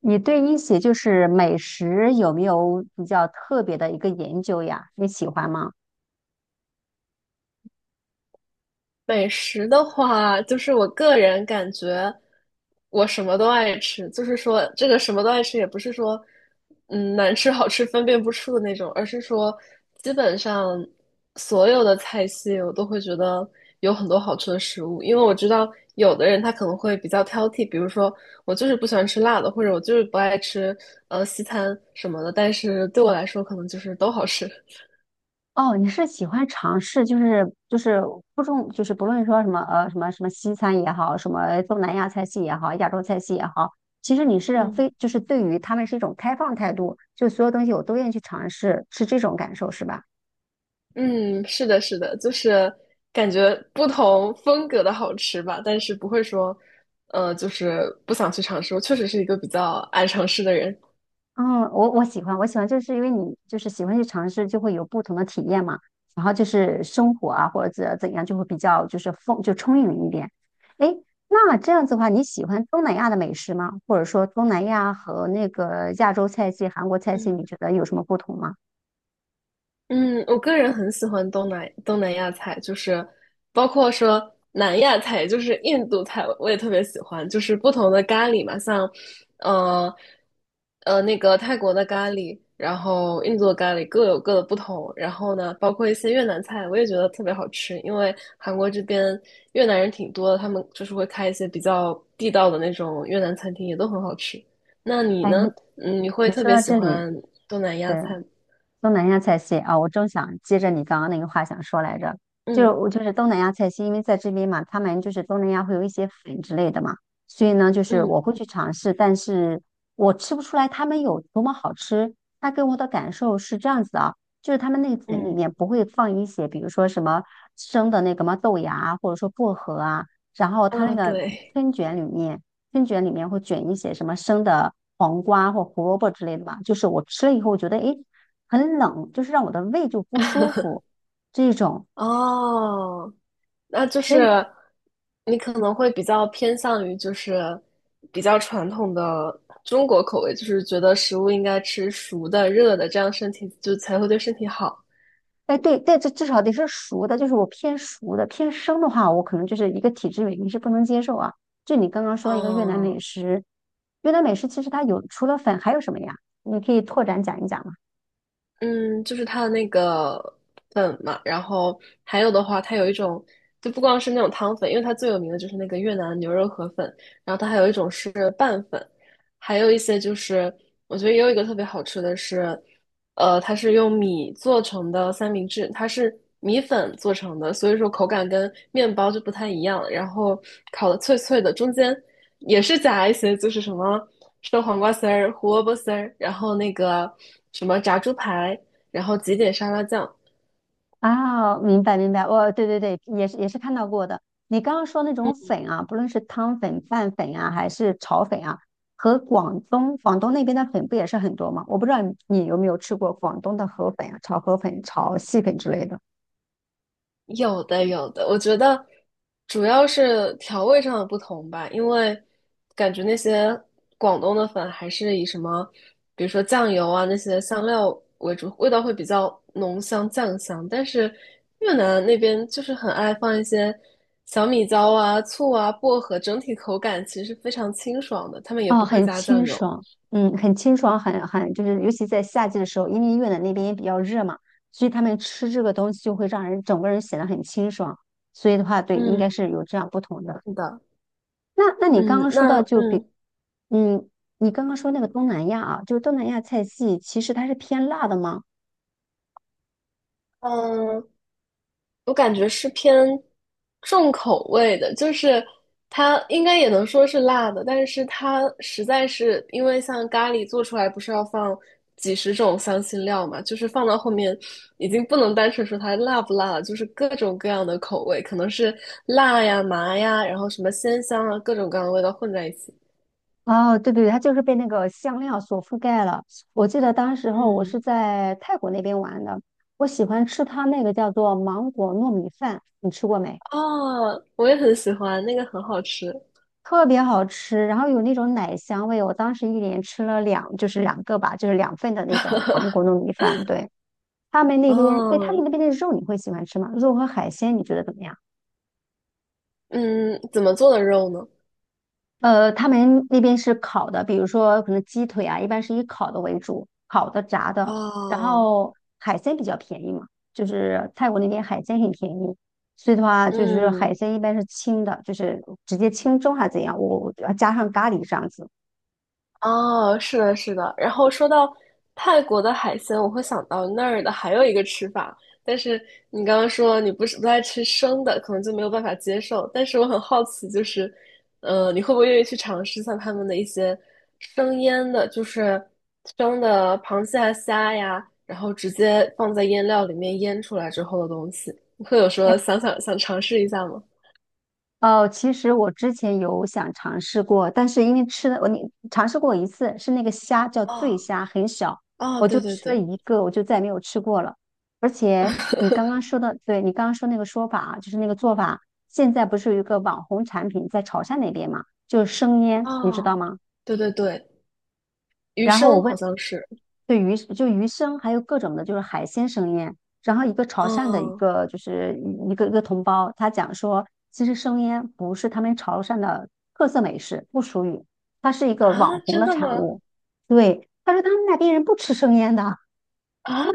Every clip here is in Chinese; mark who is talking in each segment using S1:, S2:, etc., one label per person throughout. S1: 你对一些美食有没有比较特别的一个研究呀？你喜欢吗？
S2: 美食的话，就是我个人感觉，我什么都爱吃。就是说，这个什么都爱吃，也不是说，难吃好吃分辨不出的那种，而是说，基本上所有的菜系我都会觉得有很多好吃的食物。因为我知道有的人他可能会比较挑剔，比如说我就是不喜欢吃辣的，或者我就是不爱吃西餐什么的。但是对我来说，可能就是都好吃。
S1: 哦，你是喜欢尝试，不重，就是不论说什么西餐也好，什么东南亚菜系也好，亚洲菜系也好，其实你是
S2: 嗯。
S1: 非就是对于他们是一种开放态度，就所有东西我都愿意去尝试，是这种感受是吧？
S2: 嗯，是的，是的，就是感觉不同风格的好吃吧，但是不会说，就是不想去尝试。我确实是一个比较爱尝试的人。
S1: 嗯，我喜欢，我喜欢，就是因为你就是喜欢去尝试，就会有不同的体验嘛。然后就是生活啊，或者怎样，就会比较就是丰就充盈一点。诶，那这样子的话，你喜欢东南亚的美食吗？或者说东南亚和那个亚洲菜系、韩国菜系，
S2: 嗯。
S1: 你觉得有什么不同吗？
S2: 嗯，我个人很喜欢东南亚菜，就是包括说南亚菜，就是印度菜，我也特别喜欢。就是不同的咖喱嘛，像呃那个泰国的咖喱，然后印度的咖喱各有各的不同。然后呢，包括一些越南菜，我也觉得特别好吃，因为韩国这边越南人挺多的，他们就是会开一些比较地道的那种越南餐厅，也都很好吃。那你
S1: 哎，你
S2: 呢？嗯，你会
S1: 你
S2: 特
S1: 说
S2: 别
S1: 到
S2: 喜
S1: 这里，
S2: 欢东南亚
S1: 对。
S2: 菜吗？
S1: 东南亚菜系啊，我正想接着你刚刚那个话想说来着，就是
S2: 嗯
S1: 我就是东南亚菜系，因为在这边嘛，他们就是东南亚会有一些粉之类的嘛，所以呢，就是我
S2: 嗯。
S1: 会去尝试，但是我吃不出来他们有多么好吃。它给我的感受是这样子啊，就是他们那个粉里
S2: 嗯，
S1: 面不会放一些，比如说什么生的那个嘛豆芽啊，或者说薄荷啊，然后它那
S2: 啊，
S1: 个
S2: 对，
S1: 春卷里面，春卷里面会卷一些什么生的黄瓜或胡萝卜之类的吧。就是我吃了以后，我觉得诶。很冷，就是让我的胃就不舒服这种。
S2: 哦，那就
S1: 所以，
S2: 是你可能会比较偏向于就是比较传统的中国口味，就是觉得食物应该吃熟的、热的，这样身体就才会对身体好。
S1: 哎，对对，这至少得是熟的，就是我偏熟的，偏生的话，我可能就是一个体质原因是不能接受啊。就你刚刚说一个越南美
S2: 哦，
S1: 食，越南美食其实它有除了粉还有什么呀？你可以拓展讲一讲吗。
S2: 嗯，就是它的那个粉嘛，然后还有的话，它有一种就不光是那种汤粉，因为它最有名的就是那个越南牛肉河粉，然后它还有一种是拌粉，还有一些就是我觉得也有一个特别好吃的是。它是用米做成的三明治，它是米粉做成的，所以说口感跟面包就不太一样。然后烤的脆脆的，中间也是夹一些，就是什么生黄瓜丝儿、胡萝卜丝儿，然后那个什么炸猪排，然后挤点沙拉酱。
S1: 啊，明白明白，我对对对，也是看到过的。你刚刚说那种粉啊，不论是汤粉、拌粉啊，还是炒粉啊，和广东那边的粉不也是很多吗？我不知道你有没有吃过广东的河粉啊，炒河粉、炒细粉之类的。
S2: 有的有的，我觉得主要是调味上的不同吧，因为感觉那些广东的粉还是以什么，比如说酱油啊那些香料为主，味道会比较浓香酱香，但是越南那边就是很爱放一些小米椒啊、醋啊、薄荷，整体口感其实是非常清爽的，他们也
S1: 哦，
S2: 不会
S1: 很
S2: 加酱
S1: 清
S2: 油。
S1: 爽，嗯，很清爽，很就是尤其在夏季的时候，因为越南那边也比较热嘛，所以他们吃这个东西就会让人整个人显得很清爽。所以的话，对，应
S2: 嗯，
S1: 该是有这样不同的。
S2: 是的，
S1: 那你刚
S2: 嗯，
S1: 刚说
S2: 那
S1: 到就比，
S2: 嗯。
S1: 嗯，你刚刚说那个东南亚啊，就是东南亚菜系，其实它是偏辣的吗？
S2: 嗯，我感觉是偏重口味的，就是它应该也能说是辣的，但是它实在是因为像咖喱做出来不是要放几十种香辛料嘛，就是放到后面已经不能单纯说它辣不辣了，就是各种各样的口味，可能是辣呀、麻呀，然后什么鲜香啊，各种各样的味道混在一起。
S1: 哦，对对对，它就是被那个香料所覆盖了。我记得当时候我是
S2: 嗯，
S1: 在泰国那边玩的，我喜欢吃它那个叫做芒果糯米饭，你吃过没？
S2: 哦，我也很喜欢，那个很好吃。
S1: 特别好吃，然后有那种奶香味。我当时一连吃了两，就是两个吧，就是两份的那种芒果糯米饭。对，他们那边，哎，他
S2: 哦，
S1: 们那边的肉你会喜欢吃吗？肉和海鲜你觉得怎么样？
S2: 嗯，怎么做的肉呢？
S1: 呃，他们那边是烤的，比如说可能鸡腿啊，一般是以烤的为主，烤的、炸的，然
S2: 哦，
S1: 后海鲜比较便宜嘛，就是泰国那边海鲜很便宜，所以的话就是海
S2: 嗯。
S1: 鲜一般是清的，就是直接清蒸还是怎样，我加上咖喱这样子。
S2: 哦，是的，是的。然后说到泰国的海鲜，我会想到那儿的还有一个吃法，但是你刚刚说你不是不爱吃生的，可能就没有办法接受。但是我很好奇，就是，你会不会愿意去尝试像他们的一些生腌的，就是生的螃蟹啊、虾呀，然后直接放在腌料里面腌出来之后的东西？你会有说想尝试一下吗？
S1: 哦，其实我之前有想尝试过，但是因为吃的尝试过一次，是那个虾叫
S2: 哦，
S1: 醉虾，很小，
S2: 哦，
S1: 我就
S2: 对对
S1: 吃了
S2: 对，
S1: 一个，我就再也没有吃过了。而且你刚刚说的，对你刚刚说那个说法啊，就是那个做法，现在不是有一个网红产品在潮汕那边嘛，就是生腌，你知道
S2: 哦，
S1: 吗？
S2: 对对对，鱼
S1: 然后我
S2: 生好
S1: 问，
S2: 像是。
S1: 鱼生，还有各种的，就是海鲜生腌。然后一个潮汕的
S2: 哦，
S1: 一个同胞，他讲说，其实生腌不是他们潮汕的特色美食，不属于，它是一个网
S2: 啊，
S1: 红
S2: 真
S1: 的
S2: 的
S1: 产
S2: 吗？
S1: 物。对，他说他们那边人不吃生腌的，
S2: 啊，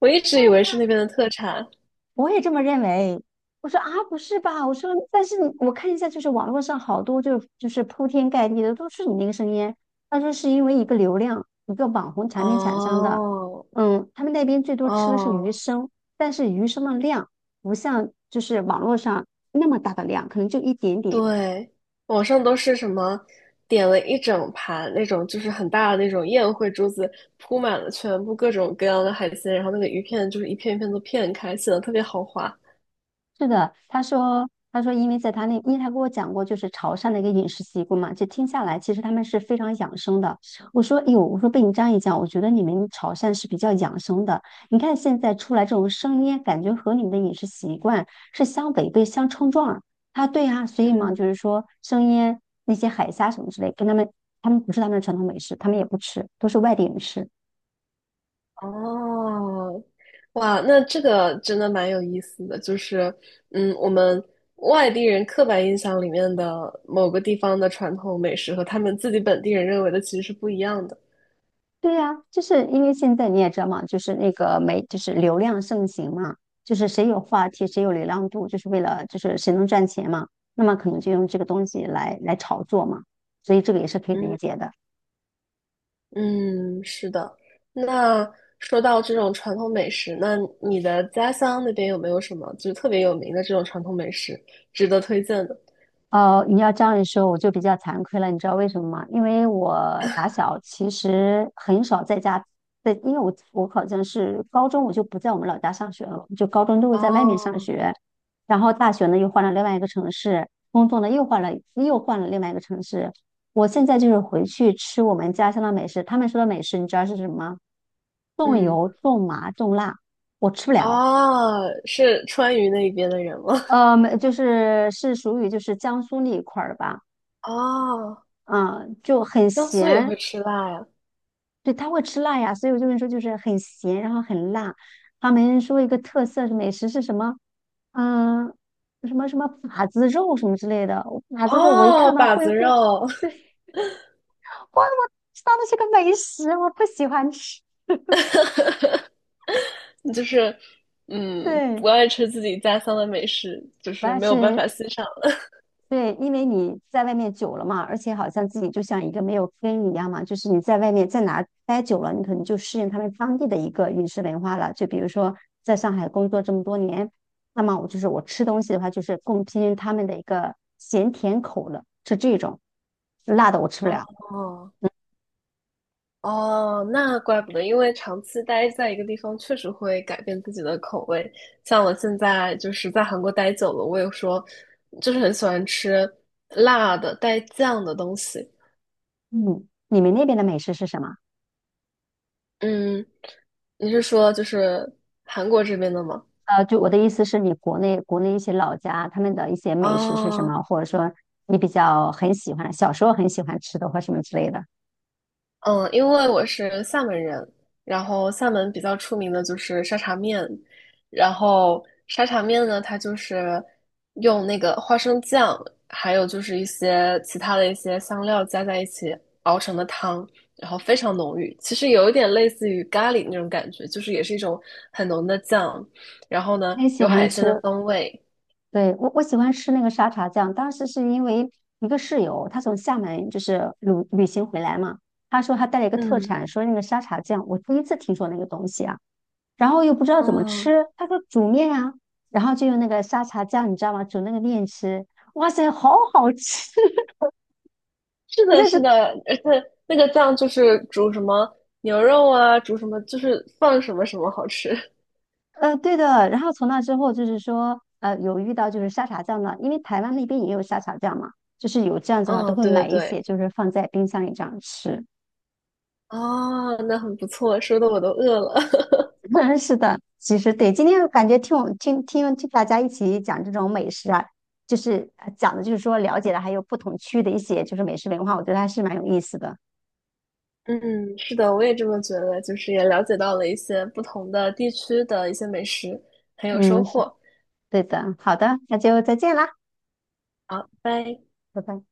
S2: 我一直以为是那边的特产。
S1: 我也这么认为。我说啊，不是吧？我说，但是看一下，就是网络上好多铺天盖地的都是你那个声音。他说是因为一个流量，一个网红产品产生的。
S2: 哦，
S1: 嗯，他们那边最多吃的是鱼
S2: 哦，
S1: 生，但是鱼生的量不像就是网络上那么大的量，可能就一点点。
S2: 对，网上都是什么点了一整盘那种，就是很大的那种宴会桌子，铺满了全部各种各样的海鲜，然后那个鱼片就是一片一片都片开，显得特别豪华。
S1: 是的，他说，他说，因为在他那，因为他跟我讲过，就是潮汕的一个饮食习惯嘛，就听下来，其实他们是非常养生的。我说，哎呦，我说被你这样一讲，我觉得你们潮汕是比较养生的。你看现在出来这种生腌，感觉和你们的饮食习惯是相违背、相冲撞儿他对啊，所以嘛，
S2: 嗯
S1: 就是说生腌那些海虾什么之类，跟他们不是他们的传统美食，他们也不吃，都是外地人吃。
S2: 哦，哇，那这个真的蛮有意思的，就是，嗯，我们外地人刻板印象里面的某个地方的传统美食和他们自己本地人认为的其实是不一样的。
S1: 对呀，就是因为现在你也知道嘛，就是那个媒，就是流量盛行嘛，就是谁有话题，谁有流量度，就是为了就是谁能赚钱嘛，那么可能就用这个东西来炒作嘛，所以这个也是可以理解的。
S2: 嗯，是的。那说到这种传统美食，那你的家乡那边有没有什么就是特别有名的这种传统美食值得推荐的？
S1: 呃，你要这样一说，我就比较惭愧了，你知道为什么吗？因为我打小其实很少在家，因为我好像是高中我就不在我们老家上学了，就高中都是在外面上
S2: 哦，
S1: 学，然后大学呢又换了另外一个城市，工作呢又换了另外一个城市。我现在就是回去吃我们家乡的美食，他们说的美食你知道是什么吗？重
S2: 嗯，
S1: 油、重麻、重辣，我吃不了。
S2: 哦，是川渝那边的人吗？
S1: 呃，没就是是属于就是江苏那一块儿的吧。
S2: 哦，
S1: 嗯，就很
S2: 江苏也
S1: 咸，
S2: 会吃辣呀。
S1: 对，他会吃辣呀，所以我就跟你说，就是很咸，然后很辣。他们说一个特色是美食是什么？嗯，什么什么把子肉什么之类的。把子肉我一看
S2: 哦，
S1: 到
S2: 把
S1: 会
S2: 子
S1: 乎，
S2: 肉，
S1: 哇，我知道那是个美食，我不喜欢吃，
S2: 就是，嗯，
S1: 对，
S2: 不爱吃自己家乡的美食，就
S1: 不
S2: 是
S1: 爱
S2: 没有办法
S1: 吃，
S2: 欣赏了。
S1: 对，因为你在外面久了嘛，而且好像自己就像一个没有根一样嘛，就是你在外面在哪待久了，你可能就适应他们当地的一个饮食文化了。就比如说在上海工作这么多年，那么我就是我吃东西的话，就是更偏向他们的一个咸甜口了，是这种，辣的我吃不了。
S2: 哦哦，那怪不得，因为长期待在一个地方，确实会改变自己的口味。像我现在就是在韩国待久了，我也说，就是很喜欢吃辣的带酱的东西。
S1: 嗯，你们那边的美食是什么？
S2: 嗯，你是说就是韩国这边的吗？
S1: 呃，就我的意思是你国内一些老家他们的一些美食是什
S2: 哦
S1: 么，或者说你比较很喜欢，小时候很喜欢吃的或什么之类的。
S2: 嗯，因为我是厦门人，然后厦门比较出名的就是沙茶面，然后沙茶面呢，它就是用那个花生酱，还有就是一些其他的一些香料加在一起熬成的汤，然后非常浓郁，其实有一点类似于咖喱那种感觉，就是也是一种很浓的酱，然后呢
S1: 很喜
S2: 有
S1: 欢
S2: 海鲜的
S1: 吃，
S2: 风味，
S1: 对，我喜欢吃那个沙茶酱，当时是因为一个室友，他从厦门就是旅行回来嘛，他说他带了一个特
S2: 嗯。
S1: 产，说那个沙茶酱，我第一次听说那个东西啊，然后又不知道怎么
S2: 哦，
S1: 吃，他说煮面啊，然后就用那个沙茶酱，你知道吗？煮那个面吃，哇塞，好好吃！
S2: 是
S1: 我
S2: 的，
S1: 在
S2: 是
S1: 这，
S2: 的，而且那个酱就是煮什么牛肉啊，煮什么就是放什么什么好吃。
S1: 呃，对的。然后从那之后就是说，呃，有遇到就是沙茶酱的，因为台湾那边也有沙茶酱嘛，就是有这样子的话，都
S2: 嗯，
S1: 会
S2: 对对
S1: 买一些，
S2: 对，
S1: 就是放在冰箱里这样吃。
S2: 哦，那很不错，说的我都饿了。
S1: 嗯，是的，其实对，今天感觉听我听听听大家一起讲这种美食啊，讲的就是说了解了还有不同区的一些就是美食文化，我觉得还是蛮有意思的。
S2: 嗯，是的，我也这么觉得，就是也了解到了一些不同的地区的一些美食，很有收
S1: 嗯，是
S2: 获。
S1: 对的，好的，那就再见啦，
S2: 好，拜拜。
S1: 拜拜。